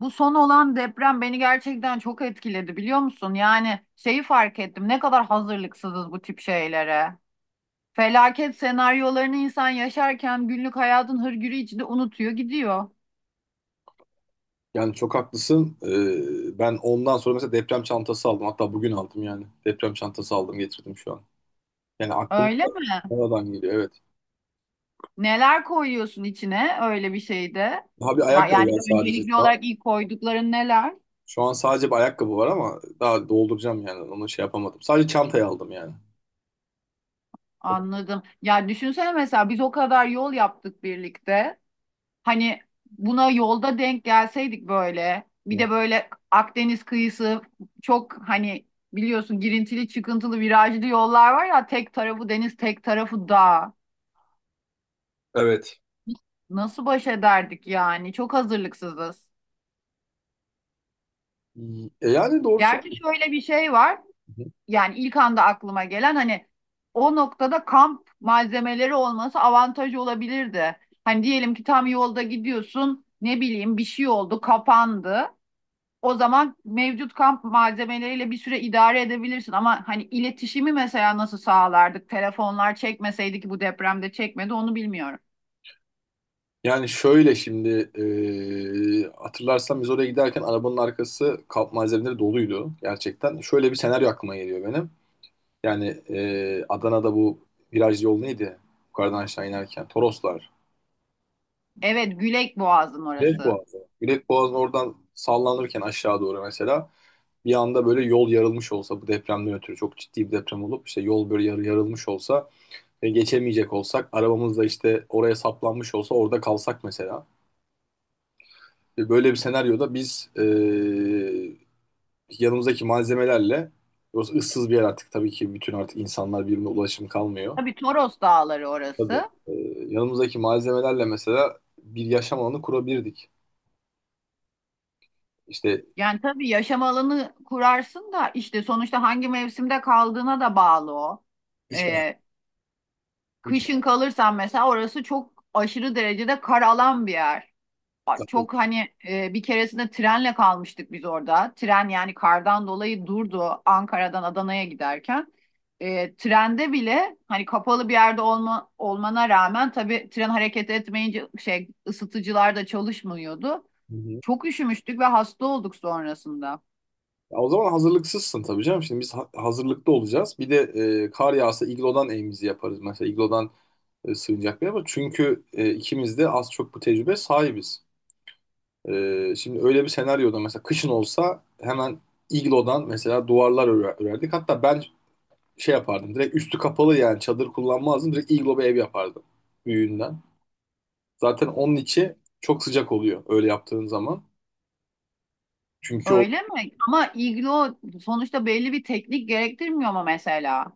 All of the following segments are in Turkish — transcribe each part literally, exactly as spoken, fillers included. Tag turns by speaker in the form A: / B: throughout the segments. A: Bu son olan deprem beni gerçekten çok etkiledi, biliyor musun? Yani şeyi fark ettim, ne kadar hazırlıksızız bu tip şeylere. Felaket senaryolarını insan yaşarken günlük hayatın hırgürü içinde unutuyor gidiyor.
B: Yani çok haklısın. Ee, ben ondan sonra mesela deprem çantası aldım. Hatta bugün aldım yani. Deprem çantası aldım, getirdim şu an. Yani aklımda
A: Öyle mi?
B: oradan geliyor, evet.
A: Neler koyuyorsun içine öyle bir şeyde?
B: Daha bir
A: Va-
B: ayakkabı
A: Yani
B: var sadece
A: öncelikli
B: şu an.
A: olarak ilk koydukların neler?
B: Şu an sadece bir ayakkabı var ama daha dolduracağım yani. Onu şey yapamadım. Sadece çantayı aldım yani.
A: Anladım. Ya düşünsene, mesela biz o kadar yol yaptık birlikte. Hani buna yolda denk gelseydik, böyle bir
B: Hı.
A: de böyle Akdeniz kıyısı, çok hani, biliyorsun, girintili çıkıntılı virajlı yollar var ya, tek tarafı deniz tek tarafı dağ.
B: Evet.
A: Nasıl baş ederdik yani? Çok hazırlıksızız.
B: E, yani doğru
A: Gerçi
B: söylüyorsun.
A: şöyle bir şey var.
B: Hı hı.
A: Yani ilk anda aklıma gelen, hani o noktada kamp malzemeleri olması avantajı olabilirdi. Hani diyelim ki tam yolda gidiyorsun, ne bileyim, bir şey oldu, kapandı. O zaman mevcut kamp malzemeleriyle bir süre idare edebilirsin, ama hani iletişimi mesela nasıl sağlardık? Telefonlar çekmeseydi, ki bu depremde çekmedi, onu bilmiyorum.
B: Yani şöyle şimdi, e, hatırlarsan biz oraya giderken arabanın arkası kamp malzemeleri doluydu gerçekten. Şöyle bir senaryo aklıma geliyor benim. Yani e, Adana'da bu viraj yol neydi? Yukarıdan aşağı inerken. Toroslar.
A: Evet, Gülek Boğazı'nın
B: Gület
A: orası.
B: Boğazı. Gület Boğazı'nın oradan sallanırken aşağı doğru mesela bir anda böyle yol yarılmış olsa, bu depremden ötürü çok ciddi bir deprem olup işte yol böyle yarı yarılmış olsa ve geçemeyecek olsak arabamızla, işte oraya saplanmış olsa, orada kalsak mesela. Ve böyle bir senaryoda biz, e, yanımızdaki malzemelerle... Burası ıssız bir yer artık. Tabii ki bütün artık insanlar birbirine ulaşım kalmıyor.
A: Tabii, Toros Dağları
B: Tabii.
A: orası.
B: Ee, yanımızdaki malzemelerle mesela bir yaşam alanı kurabilirdik. İşte...
A: Yani tabii yaşam alanı kurarsın da işte sonuçta hangi mevsimde kaldığına da bağlı o.
B: Hiç ben.
A: Ee,
B: Hiç
A: kışın
B: ben.
A: kalırsan mesela, orası çok aşırı derecede kar alan bir yer. Çok hani, e, bir keresinde trenle kalmıştık biz orada. Tren yani kardan dolayı durdu, Ankara'dan Adana'ya giderken. E, trende bile hani kapalı bir yerde olma, olmana rağmen, tabii tren hareket etmeyince şey, ısıtıcılar da çalışmıyordu.
B: Hı hı.
A: Çok üşümüştük ve hasta olduk sonrasında.
B: Ya, o zaman hazırlıksızsın tabii canım. Şimdi biz ha- hazırlıklı olacağız. Bir de e, kar yağsa iglodan evimizi yaparız. Mesela iglodan e, sığınacak bir yer var. Çünkü e, ikimiz de az çok bu tecrübe sahibiz. E, şimdi öyle bir senaryoda mesela kışın olsa hemen iglodan mesela duvarlar örer- örerdik. Hatta ben şey yapardım. Direkt üstü kapalı, yani çadır kullanmazdım. Direkt iglo bir ev yapardım, büyüğünden. Zaten onun içi çok sıcak oluyor öyle yaptığın zaman. Çünkü o...
A: Öyle mi? Ama iglo sonuçta belli bir teknik gerektirmiyor mu mesela?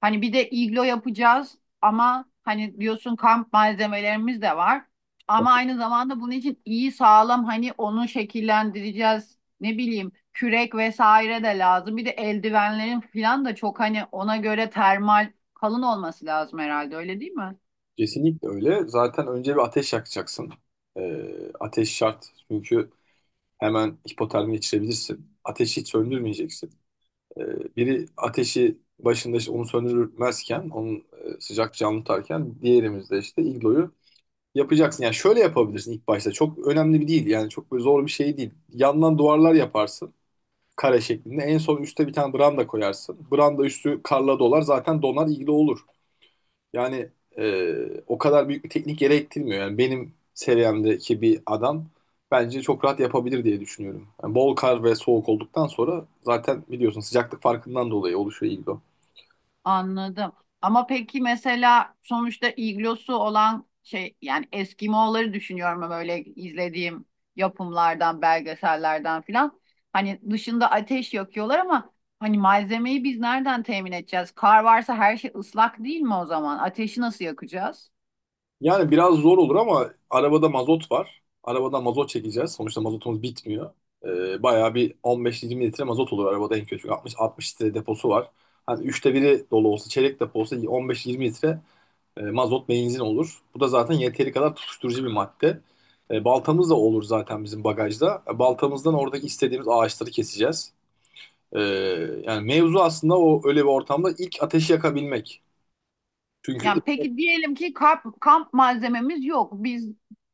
A: Hani bir de iglo yapacağız, ama hani diyorsun, kamp malzemelerimiz de var. Ama aynı zamanda bunun için iyi sağlam, hani onu şekillendireceğiz. Ne bileyim, kürek vesaire de lazım. Bir de eldivenlerin falan da çok hani ona göre termal, kalın olması lazım herhalde, öyle değil mi?
B: Kesinlikle öyle. Zaten önce bir ateş yakacaksın. Ee, ateş şart. Çünkü hemen hipotermi geçirebilirsin. Ateşi hiç söndürmeyeceksin. Ee, biri ateşi başında işte onu söndürmezken, onun e, sıcak canlı tutarken, diğerimizde işte igloyu yapacaksın. Yani şöyle yapabilirsin ilk başta. Çok önemli bir değil. Yani çok böyle zor bir şey değil. Yandan duvarlar yaparsın, kare şeklinde. En son üstte bir tane branda koyarsın. Branda üstü karla dolar. Zaten donar, ilgili olur. Yani e, o kadar büyük bir teknik gerektirmiyor. Yani benim seviyemdeki bir adam bence çok rahat yapabilir diye düşünüyorum. Yani bol kar ve soğuk olduktan sonra zaten biliyorsun, sıcaklık farkından dolayı oluşuyor iglo.
A: Anladım. Ama peki mesela sonuçta iglosu olan şey, yani Eskimo'ları düşünüyorum, ama böyle izlediğim yapımlardan, belgesellerden filan. Hani dışında ateş yakıyorlar, ama hani malzemeyi biz nereden temin edeceğiz? Kar varsa her şey ıslak değil mi o zaman? Ateşi nasıl yakacağız?
B: Yani biraz zor olur ama arabada mazot var. Arabadan mazot çekeceğiz. Sonuçta mazotumuz bitmiyor. Ee, bayağı bir 15-20 litre mazot olur arabada en kötü. 60-60 litre deposu var. Hani üçte biri dolu olsa, çeyrek depo olsa 15-20 litre e, mazot benzin olur. Bu da zaten yeteri kadar tutuşturucu bir madde. E, baltamız da olur zaten bizim bagajda. E, baltamızdan oradaki istediğimiz ağaçları keseceğiz. E, Yani mevzu aslında o, öyle bir ortamda ilk ateşi yakabilmek. Çünkü...
A: Yani peki diyelim ki kamp, kamp malzememiz yok. Biz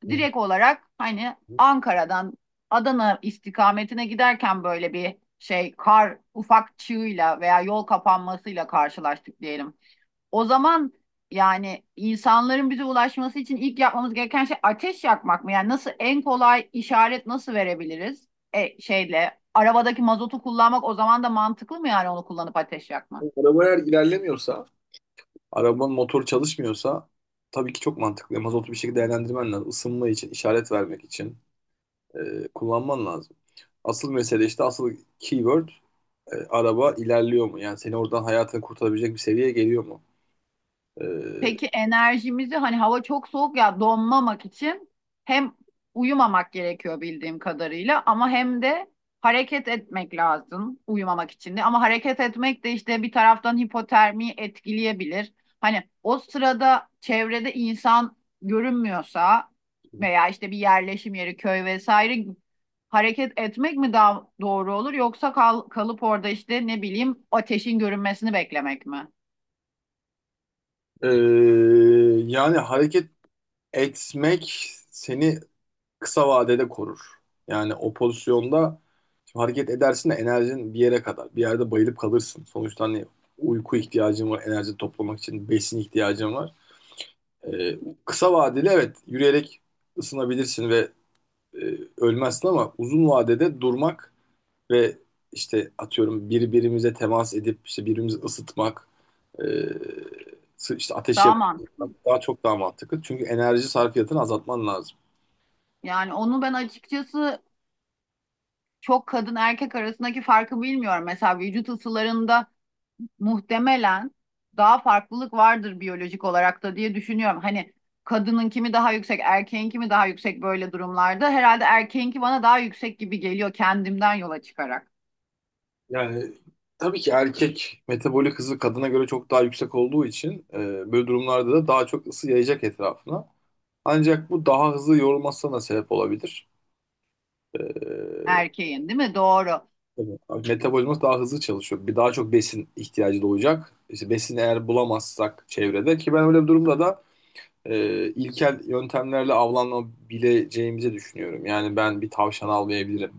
B: Hı.
A: direkt olarak hani Ankara'dan Adana istikametine giderken böyle bir şey, kar, ufak çığıyla veya yol kapanmasıyla karşılaştık diyelim. O zaman yani insanların bize ulaşması için ilk yapmamız gereken şey ateş yakmak mı? Yani nasıl, en kolay işaret nasıl verebiliriz? E, şeyle arabadaki mazotu kullanmak o zaman da mantıklı mı, yani onu kullanıp ateş yakmak?
B: Araba eğer ilerlemiyorsa, arabanın motoru çalışmıyorsa tabii ki çok mantıklı. Mazotu bir şekilde değerlendirmen lazım. Isınma için, işaret vermek için e, kullanman lazım. Asıl mesele işte, asıl keyword, e, araba ilerliyor mu? Yani seni oradan hayatını kurtarabilecek bir seviyeye geliyor mu? E,
A: Peki enerjimizi, hani hava çok soğuk ya, donmamak için hem uyumamak gerekiyor bildiğim kadarıyla, ama hem de hareket etmek lazım uyumamak için de. Ama hareket etmek de işte bir taraftan hipotermiyi etkileyebilir. Hani o sırada çevrede insan görünmüyorsa veya işte bir yerleşim yeri, köy vesaire, hareket etmek mi daha doğru olur, yoksa kal- kalıp orada işte ne bileyim ateşin görünmesini beklemek mi?
B: e, Yani hareket etmek seni kısa vadede korur. Yani o pozisyonda şimdi hareket edersin de enerjin bir yere kadar. Bir yerde bayılıp kalırsın. Sonuçta hani uyku ihtiyacın var, enerji toplamak için besin ihtiyacın var. Ee, Kısa vadeli evet, yürüyerek ısınabilirsin ve e, ölmezsin ama uzun vadede durmak ve işte, atıyorum, birbirimize temas edip işte birbirimizi ısıtmak, e, sı- işte ateş
A: Daha
B: yakmak
A: mantıklı.
B: daha çok daha mantıklı. Çünkü enerji sarfiyatını azaltman lazım.
A: Yani onu ben açıkçası çok, kadın erkek arasındaki farkı bilmiyorum. Mesela vücut ısılarında muhtemelen daha farklılık vardır biyolojik olarak da diye düşünüyorum. Hani kadının kimi daha yüksek, erkeğin kimi daha yüksek böyle durumlarda. Herhalde erkeğinki bana daha yüksek gibi geliyor, kendimden yola çıkarak.
B: Yani tabii ki erkek metabolik hızı kadına göre çok daha yüksek olduğu için e, böyle durumlarda da daha çok ısı yayacak etrafına. Ancak bu daha hızlı yorulmasına da sebep olabilir. E,
A: Erkeğin, değil mi? Doğru.
B: Tabii. Abi, metabolizması daha hızlı çalışıyor. Bir daha çok besin ihtiyacı doğacak. İşte besini eğer bulamazsak çevrede, ki ben öyle bir durumda da e, ilkel yöntemlerle avlanabileceğimizi düşünüyorum. Yani ben bir tavşan almayabilirim.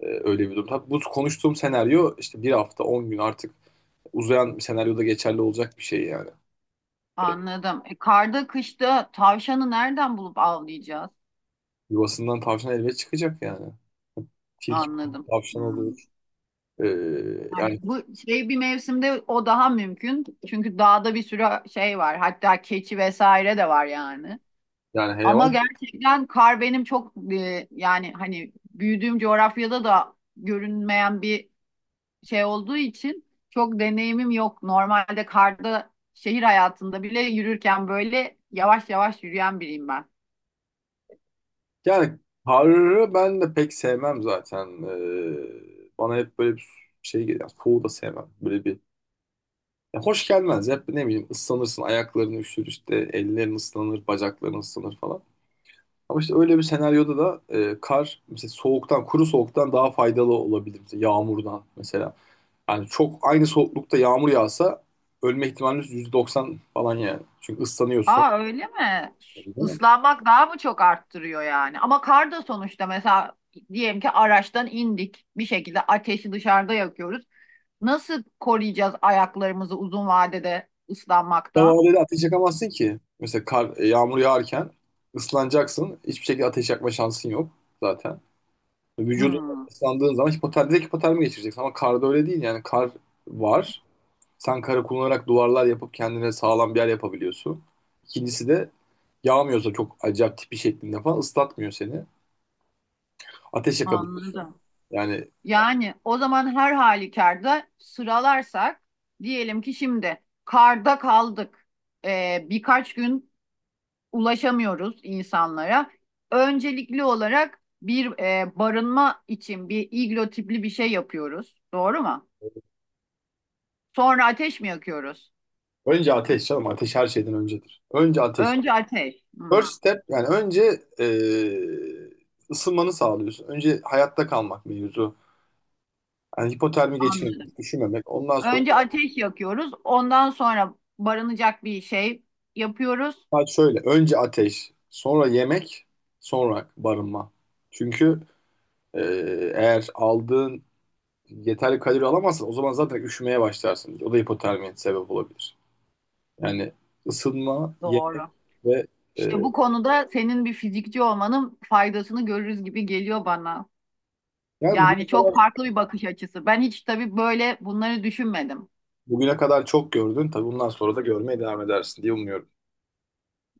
B: E, öyle bir durumda. Bu konuştuğum senaryo işte bir hafta on gün, artık uzayan bir senaryoda geçerli olacak bir şey yani.
A: Anladım. E, karda, kışta tavşanı nereden bulup avlayacağız?
B: Yuvasından tavşan elbet çıkacak yani. Tilki,
A: Anladım.
B: tavşan
A: Hmm.
B: olur. E,
A: Yani
B: yani
A: bu şey, bir mevsimde o daha mümkün. Çünkü dağda bir sürü şey var. Hatta keçi vesaire de var yani.
B: yani
A: Ama
B: hayvan...
A: gerçekten kar benim çok, e, yani hani büyüdüğüm coğrafyada da görünmeyen bir şey olduğu için çok deneyimim yok. Normalde karda, şehir hayatında bile yürürken böyle yavaş yavaş yürüyen biriyim ben.
B: Yani harırı ben de pek sevmem zaten. Ee, bana hep böyle bir şey geliyor. Yani soğuğu da sevmem. Böyle bir... Ya, hoş gelmez. Hep ne bileyim, ıslanırsın. Ayakların üşür işte. Ellerin ıslanır. Bacakların ıslanır falan. Ama işte öyle bir senaryoda da e, kar mesela soğuktan, kuru soğuktan daha faydalı olabilir. Mesela yağmurdan mesela. Yani çok aynı soğuklukta yağmur yağsa ölme ihtimaliniz yüzde doksan falan yani. Çünkü ıslanıyorsun.
A: Aa, öyle mi? Islanmak daha mı çok arttırıyor yani? Ama kar da sonuçta, mesela diyelim ki araçtan indik. Bir şekilde ateşi dışarıda yakıyoruz. Nasıl koruyacağız ayaklarımızı uzun vadede ıslanmaktan?
B: Davaleyle ateş yakamazsın ki. Mesela kar, e, yağmur yağarken ıslanacaksın. Hiçbir şekilde ateş yakma şansın yok zaten. Vücudun
A: Hmm,
B: ıslandığın zaman hipotermi, direkt hipotermi geçireceksin. Ama karda öyle değil yani. Kar var. Sen karı kullanarak duvarlar yapıp kendine sağlam bir yer yapabiliyorsun. İkincisi de yağmıyorsa çok acayip tipi şeklinde falan, ıslatmıyor seni. Ateş yakabiliyorsun.
A: anladım.
B: Yani
A: Yani o zaman her halükarda sıralarsak, diyelim ki şimdi karda kaldık. Ee, birkaç gün ulaşamıyoruz insanlara. Öncelikli olarak bir e, barınma için bir iglo tipli bir şey yapıyoruz. Doğru mu? Sonra ateş mi yakıyoruz?
B: önce ateş canım. Ateş her şeyden öncedir. Önce ateş.
A: Önce ateş. Hmm,
B: First step yani, önce e, ısınmanı sağlıyorsun. Önce hayatta kalmak mevzu. Yani hipotermi
A: anladım.
B: geçirmemek, üşümemek. Ondan sonra
A: Önce ateş yakıyoruz. Ondan sonra barınacak bir şey yapıyoruz.
B: saat şöyle: önce ateş, sonra yemek, sonra barınma. Çünkü e, eğer aldığın yeterli kalori alamazsan o zaman zaten üşümeye başlarsın. O da hipotermiye sebep olabilir. Yani ısınma, yemek
A: Doğru.
B: ve... e,
A: İşte bu konuda senin bir fizikçi olmanın faydasını görürüz gibi geliyor bana.
B: Yani
A: Yani
B: bugüne
A: çok
B: kadar,
A: farklı bir bakış açısı. Ben hiç tabii böyle bunları düşünmedim.
B: bugüne kadar çok gördün. Tabii bundan sonra da görmeye devam edersin diye umuyorum.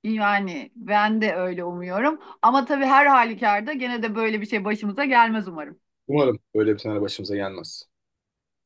A: Yani ben de öyle umuyorum. Ama tabii her halükarda gene de böyle bir şey başımıza gelmez umarım.
B: Umarım böyle bir senaryo başımıza gelmez.